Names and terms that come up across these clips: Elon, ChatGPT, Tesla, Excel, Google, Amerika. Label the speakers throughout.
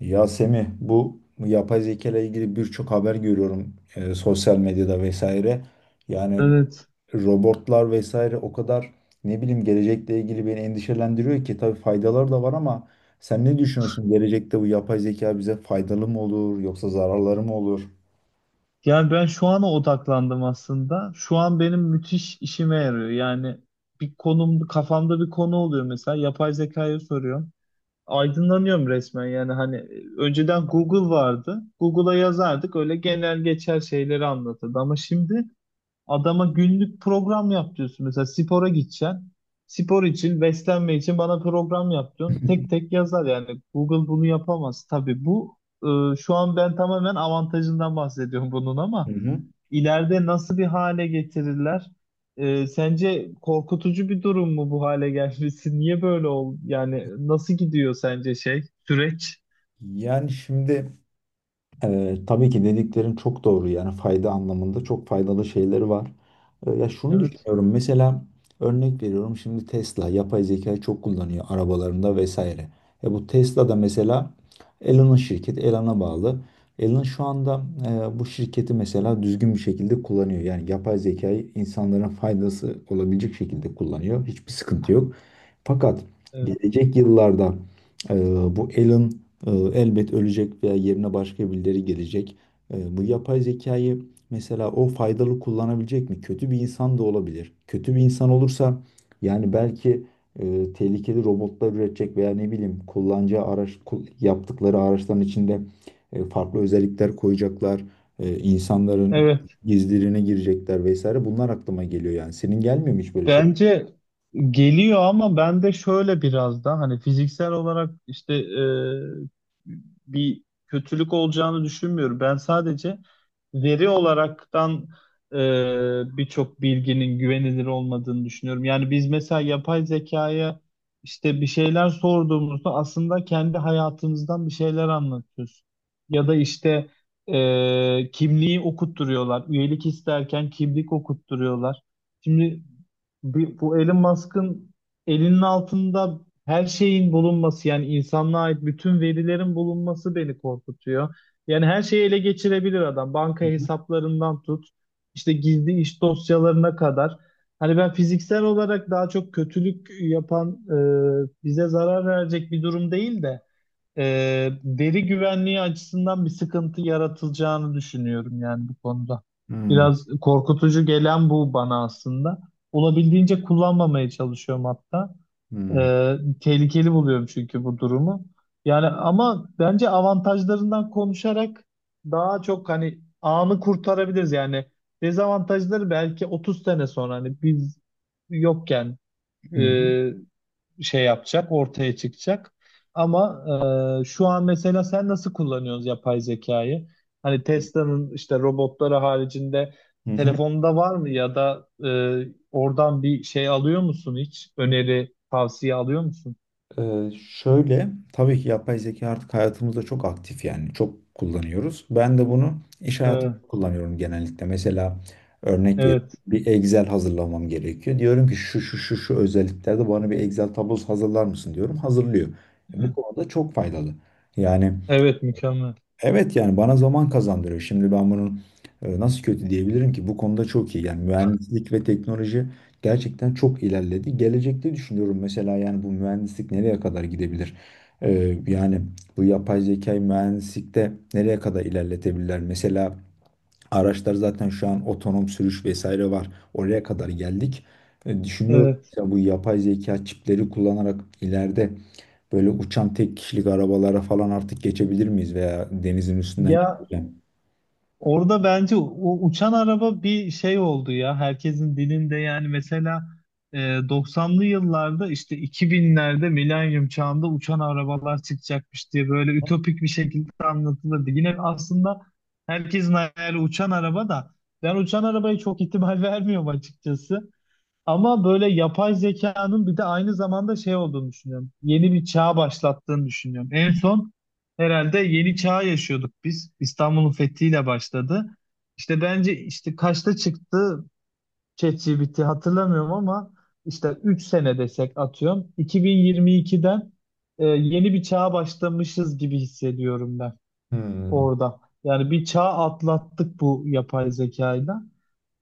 Speaker 1: Ya Semih, bu yapay zeka ile ilgili birçok haber görüyorum, sosyal medyada vesaire. Yani
Speaker 2: Evet.
Speaker 1: robotlar vesaire o kadar ne bileyim, gelecekle ilgili beni endişelendiriyor ki, tabii faydaları da var ama sen ne düşünüyorsun? Gelecekte bu yapay zeka bize faydalı mı olur yoksa zararları mı olur?
Speaker 2: Yani ben şu ana odaklandım aslında. Şu an benim müthiş işime yarıyor. Yani bir konum, kafamda bir konu oluyor mesela. Yapay zekaya soruyorum. Aydınlanıyorum resmen yani hani önceden Google vardı. Google'a yazardık öyle genel geçer şeyleri anlatırdı. Ama şimdi adama günlük program yap diyorsun. Mesela spora gideceksin. Spor için, beslenme için bana program yap diyorsun. Tek tek yazar yani. Google bunu yapamaz. Tabii bu şu an ben tamamen avantajından bahsediyorum bunun,
Speaker 1: Hı
Speaker 2: ama
Speaker 1: hı.
Speaker 2: ileride nasıl bir hale getirirler? Sence korkutucu bir durum mu bu hale gelmesi? Niye böyle oldu? Yani nasıl gidiyor sence süreç?
Speaker 1: Yani şimdi, tabii ki dediklerin çok doğru, yani fayda anlamında çok faydalı şeyleri var. Ya şunu
Speaker 2: Evet.
Speaker 1: düşünüyorum, mesela örnek veriyorum, şimdi Tesla yapay zekayı çok kullanıyor arabalarında vesaire. Bu Tesla da mesela Elon'un şirketi, Elon'a bağlı. Elon şu anda bu şirketi mesela düzgün bir şekilde kullanıyor. Yani yapay zekayı insanların faydası olabilecek şekilde kullanıyor. Hiçbir sıkıntı yok. Fakat
Speaker 2: Evet.
Speaker 1: gelecek yıllarda e, bu Alan e, elbet ölecek veya yerine başka birileri gelecek. Bu yapay zekayı mesela o faydalı kullanabilecek mi? Kötü bir insan da olabilir. Kötü bir insan olursa yani belki tehlikeli robotlar üretecek veya ne bileyim, kullanacağı araç yaptıkları araçların içinde farklı özellikler koyacaklar. İnsanların
Speaker 2: Evet.
Speaker 1: gizlerine girecekler vesaire. Bunlar aklıma geliyor yani. Senin gelmiyor mu hiç böyle şey?
Speaker 2: Bence geliyor, ama ben de şöyle biraz da hani fiziksel olarak bir kötülük olacağını düşünmüyorum. Ben sadece veri olaraktan e, birçok bilginin güvenilir olmadığını düşünüyorum. Yani biz mesela yapay zekaya işte bir şeyler sorduğumuzda aslında kendi hayatımızdan bir şeyler anlatıyoruz. Ya da işte kimliği okutturuyorlar. Üyelik isterken kimlik okutturuyorlar. Şimdi bir, bu Elon Musk'ın elinin altında her şeyin bulunması, yani insanlığa ait bütün verilerin bulunması beni korkutuyor. Yani her şeyi ele geçirebilir adam. Banka
Speaker 1: Hı hı.
Speaker 2: hesaplarından tut, işte gizli iş dosyalarına kadar. Hani ben fiziksel olarak daha çok kötülük yapan, bize zarar verecek bir durum değil de veri güvenliği açısından bir sıkıntı yaratılacağını düşünüyorum yani bu konuda.
Speaker 1: Hmm.
Speaker 2: Biraz korkutucu gelen bu bana aslında. Olabildiğince kullanmamaya çalışıyorum hatta.
Speaker 1: Hmm.
Speaker 2: Ee, Tehlikeli buluyorum çünkü bu durumu. Yani ama bence avantajlarından konuşarak daha çok hani anı kurtarabiliriz yani. Dezavantajları belki 30 sene sonra hani biz yokken
Speaker 1: Hı hı.
Speaker 2: e, şey yapacak, ortaya çıkacak. Ama şu an mesela sen nasıl kullanıyorsun yapay zekayı? Hani Tesla'nın işte robotları haricinde
Speaker 1: Hı hı.
Speaker 2: telefonda var mı, ya da oradan bir şey alıyor musun hiç? Öneri, tavsiye alıyor musun?
Speaker 1: Şöyle, tabii ki yapay zeka artık hayatımızda çok aktif, yani çok kullanıyoruz. Ben de bunu iş hayatımda
Speaker 2: Evet,
Speaker 1: kullanıyorum genellikle. Mesela örnek bir,
Speaker 2: evet,
Speaker 1: bir Excel hazırlamam gerekiyor. Diyorum ki şu şu şu şu özelliklerde bana bir Excel tablosu hazırlar mısın diyorum. Hazırlıyor. Bu konuda çok faydalı. Yani
Speaker 2: evet, mükemmel.
Speaker 1: evet, yani bana zaman kazandırıyor. Şimdi ben bunun nasıl kötü diyebilirim ki? Bu konuda çok iyi. Yani mühendislik ve teknoloji gerçekten çok ilerledi. Gelecekte düşünüyorum mesela, yani bu mühendislik nereye kadar gidebilir? Yani bu yapay zekayı mühendislikte nereye kadar ilerletebilirler? Mesela araçlar zaten şu an otonom sürüş vesaire var. Oraya kadar geldik. Düşünüyorum
Speaker 2: Evet.
Speaker 1: mesela, bu yapay zeka çipleri kullanarak ileride böyle uçan tek kişilik arabalara falan artık geçebilir miyiz veya denizin üstünden
Speaker 2: Ya,
Speaker 1: geçebilir.
Speaker 2: orada bence o uçan araba bir şey oldu ya. Herkesin dilinde yani mesela e, 90'lı yıllarda işte 2000'lerde milenyum çağında uçan arabalar çıkacakmış diye böyle ütopik bir şekilde anlatılırdı. Yine aslında herkesin hayali uçan araba da, ben uçan arabaya çok ihtimal vermiyorum açıkçası. Ama böyle yapay zekanın bir de aynı zamanda şey olduğunu düşünüyorum. Yeni bir çağ başlattığını düşünüyorum. En son herhalde yeni çağ yaşıyorduk biz. İstanbul'un fethiyle başladı. İşte bence işte kaçta çıktı ChatGPT hatırlamıyorum ama işte 3 sene desek atıyorum. 2022'den yeni bir çağa başlamışız gibi hissediyorum ben
Speaker 1: Hmm.
Speaker 2: orada. Yani bir çağ atlattık bu yapay zekayla.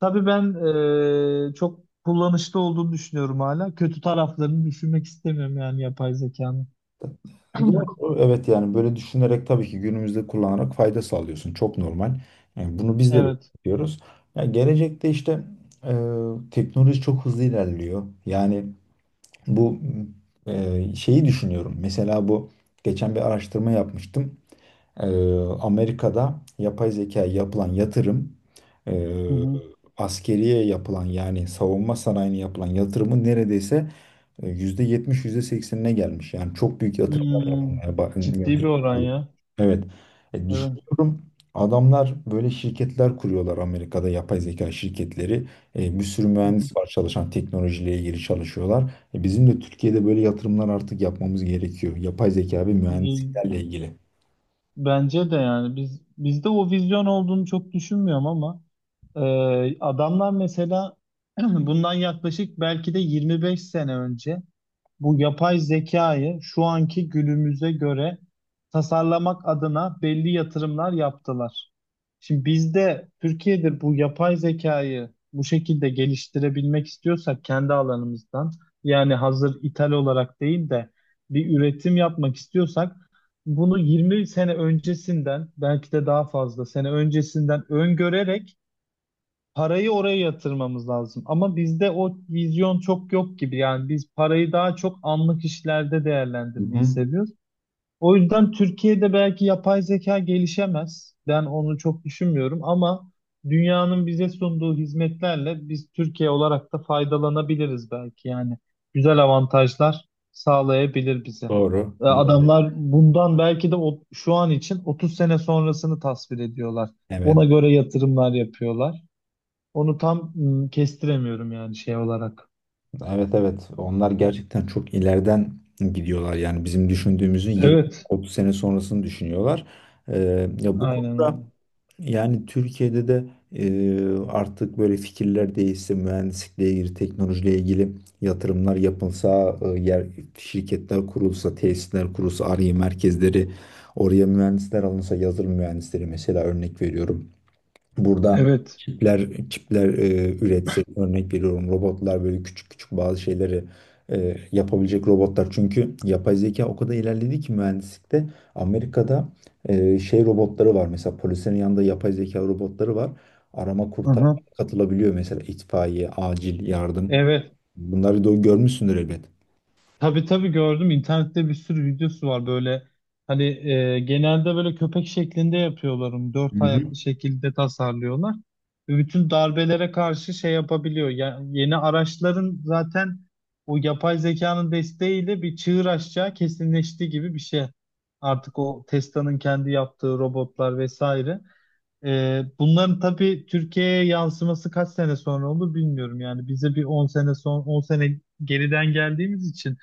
Speaker 2: Tabii ben çok kullanışlı olduğunu düşünüyorum hala. Kötü taraflarını düşünmek istemiyorum yani yapay zekanın.
Speaker 1: Doğru. Evet, yani böyle düşünerek tabii ki günümüzde kullanarak fayda sağlıyorsun. Çok normal. Yani bunu biz de böyle
Speaker 2: Evet.
Speaker 1: yapıyoruz. Ya gelecekte işte teknoloji çok hızlı ilerliyor. Yani bu şeyi düşünüyorum. Mesela bu geçen bir araştırma yapmıştım. Ee, Amerika'da yapay zekaya yapılan yatırım, e,
Speaker 2: Hı hı.
Speaker 1: askeriye yapılan, yani savunma sanayine yapılan yatırımın neredeyse %70 yüzde seksenine gelmiş. Yani çok büyük yatırımlar
Speaker 2: Hmm,
Speaker 1: yapılmaya ba-
Speaker 2: ciddi bir
Speaker 1: yatırım.
Speaker 2: oran
Speaker 1: Oluyor.
Speaker 2: ya.
Speaker 1: Evet.
Speaker 2: Evet.
Speaker 1: Düşünüyorum adamlar böyle şirketler kuruyorlar Amerika'da, yapay zeka şirketleri. Bir sürü
Speaker 2: Hı hı.
Speaker 1: mühendis var çalışan, teknolojiyle ilgili çalışıyorlar. Bizim de Türkiye'de böyle yatırımlar artık yapmamız gerekiyor. Yapay zeka ve
Speaker 2: İyi.
Speaker 1: mühendisliklerle ilgili.
Speaker 2: Bence de yani bizde o vizyon olduğunu çok düşünmüyorum, ama adamlar mesela bundan yaklaşık belki de 25 sene önce bu yapay zekayı şu anki günümüze göre tasarlamak adına belli yatırımlar yaptılar. Şimdi bizde Türkiye'de bu yapay zekayı bu şekilde geliştirebilmek istiyorsak kendi alanımızdan, yani hazır ithal olarak değil de bir üretim yapmak istiyorsak bunu 20 sene öncesinden belki de daha fazla sene öncesinden öngörerek parayı oraya yatırmamız lazım. Ama bizde o vizyon çok yok gibi. Yani biz parayı daha çok anlık işlerde
Speaker 1: Hı
Speaker 2: değerlendirmeyi
Speaker 1: hı.
Speaker 2: seviyoruz. O yüzden Türkiye'de belki yapay zeka gelişemez. Ben onu çok düşünmüyorum ama dünyanın bize sunduğu hizmetlerle biz Türkiye olarak da faydalanabiliriz belki. Yani güzel avantajlar sağlayabilir bize.
Speaker 1: Doğru. Doğru.
Speaker 2: Adamlar bundan belki de şu an için 30 sene sonrasını tasvir ediyorlar. Ona
Speaker 1: Evet.
Speaker 2: göre yatırımlar yapıyorlar. Onu tam kestiremiyorum yani şey olarak.
Speaker 1: Evet, evet. Onlar gerçekten çok ileriden gidiyorlar. Yani bizim düşündüğümüzün
Speaker 2: Evet,
Speaker 1: 20-30 sene sonrasını düşünüyorlar. Ya bu
Speaker 2: aynen
Speaker 1: konuda
Speaker 2: öyle.
Speaker 1: yani Türkiye'de de artık böyle fikirler değişse, mühendislikle ilgili, teknolojiyle ilgili yatırımlar yapılsa, yer şirketler kurulsa, tesisler kurulsa, Ar-Ge merkezleri, oraya mühendisler alınsa, yazılım mühendisleri mesela, örnek veriyorum. Burada
Speaker 2: Evet.
Speaker 1: çipler üretsek, örnek veriyorum robotlar, böyle küçük küçük bazı şeyleri yapabilecek robotlar. Çünkü yapay zeka o kadar ilerledi ki mühendislikte Amerika'da şey robotları var, mesela polislerin yanında yapay zeka robotları var. Arama kurtarma
Speaker 2: Aha.
Speaker 1: katılabiliyor mesela, itfaiye, acil yardım.
Speaker 2: Evet.
Speaker 1: Bunları da görmüşsündür elbet.
Speaker 2: Tabii tabii gördüm. İnternette bir sürü videosu var böyle. Hani genelde böyle köpek şeklinde yapıyorlar onu. Dört
Speaker 1: Hı hı.
Speaker 2: ayaklı şekilde tasarlıyorlar. Ve bütün darbelere karşı şey yapabiliyor. Ya, yeni araçların zaten o yapay zekanın desteğiyle bir çığır açacağı kesinleşti gibi bir şey. Artık o Tesla'nın kendi yaptığı robotlar vesaire. Bunların tabii Türkiye'ye yansıması kaç sene sonra olur bilmiyorum. Yani bize bir 10 sene geriden geldiğimiz için.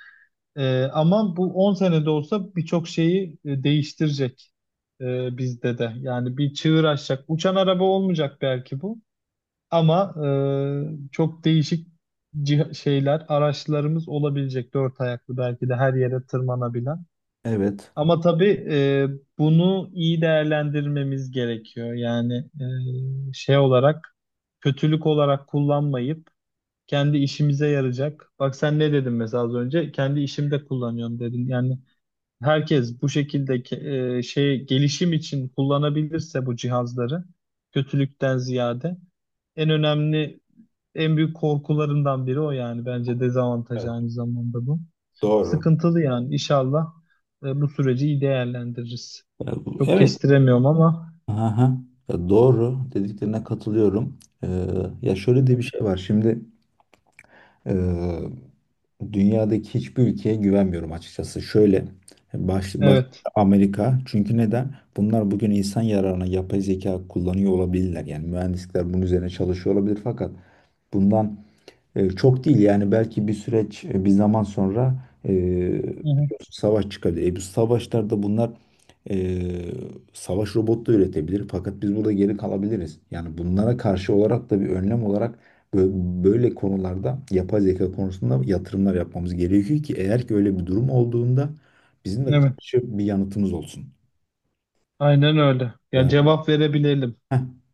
Speaker 2: Ama bu 10 senede olsa birçok şeyi değiştirecek bizde de. Yani bir çığır açacak. Uçan araba olmayacak belki bu, ama çok değişik şeyler, araçlarımız olabilecek. Dört ayaklı belki de her yere tırmanabilen.
Speaker 1: Evet.
Speaker 2: Ama tabii bunu iyi değerlendirmemiz gerekiyor. Yani şey olarak, kötülük olarak kullanmayıp kendi işimize yarayacak. Bak sen ne dedin mesela az önce? Kendi işimde kullanıyorum dedin. Yani herkes bu şekilde şey gelişim için kullanabilirse bu cihazları, kötülükten ziyade en önemli, en büyük korkularından biri o yani, bence dezavantaj
Speaker 1: Evet,
Speaker 2: aynı zamanda bu.
Speaker 1: doğru.
Speaker 2: Sıkıntılı yani, inşallah bu süreci iyi değerlendiririz. Çok
Speaker 1: Evet.
Speaker 2: kestiremiyorum ama
Speaker 1: Aha, ya doğru, dediklerine katılıyorum. Ee, Ya şöyle de bir şey var. Şimdi e, dünyadaki hiçbir ülkeye güvenmiyorum açıkçası. Şöyle baş, baş-
Speaker 2: evet.
Speaker 1: Amerika. Çünkü neden? Bunlar bugün insan yararına yapay zeka kullanıyor olabilirler. Yani mühendisler bunun üzerine çalışıyor olabilir, fakat bundan çok değil, yani belki bir süreç, bir zaman sonra
Speaker 2: Hı hı.
Speaker 1: biliyorsun savaş çıkabilir. Bu savaşlarda bunlar e, savaş robotu da üretebilir, fakat biz burada geri kalabiliriz. Yani bunlara karşı olarak da, bir önlem olarak böyle konularda, yapay zeka konusunda yatırımlar yapmamız gerekiyor ki eğer ki öyle bir durum olduğunda bizim de
Speaker 2: Evet.
Speaker 1: karşı bir yanıtımız olsun.
Speaker 2: Aynen öyle. Ya
Speaker 1: Yani
Speaker 2: cevap verebilelim.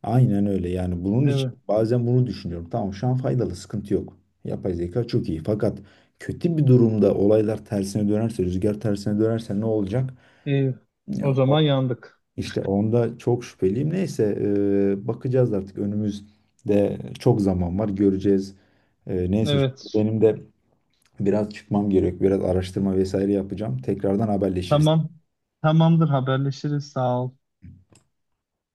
Speaker 1: aynen öyle, yani bunun için
Speaker 2: Evet.
Speaker 1: bazen bunu düşünüyorum. Tamam, şu an faydalı, sıkıntı yok. Yapay zeka çok iyi, fakat kötü bir durumda olaylar tersine dönerse, rüzgar tersine dönerse ne olacak?
Speaker 2: İyi.
Speaker 1: Ya,
Speaker 2: O zaman yandık.
Speaker 1: İşte onda çok şüpheliyim. Neyse, bakacağız artık, önümüzde çok zaman var, göreceğiz. Neyse, şimdi
Speaker 2: Evet.
Speaker 1: benim de biraz çıkmam gerek, biraz araştırma vesaire yapacağım. Tekrardan
Speaker 2: Tamam.
Speaker 1: haberleşiriz.
Speaker 2: Tamamdır, haberleşiriz. Sağ ol.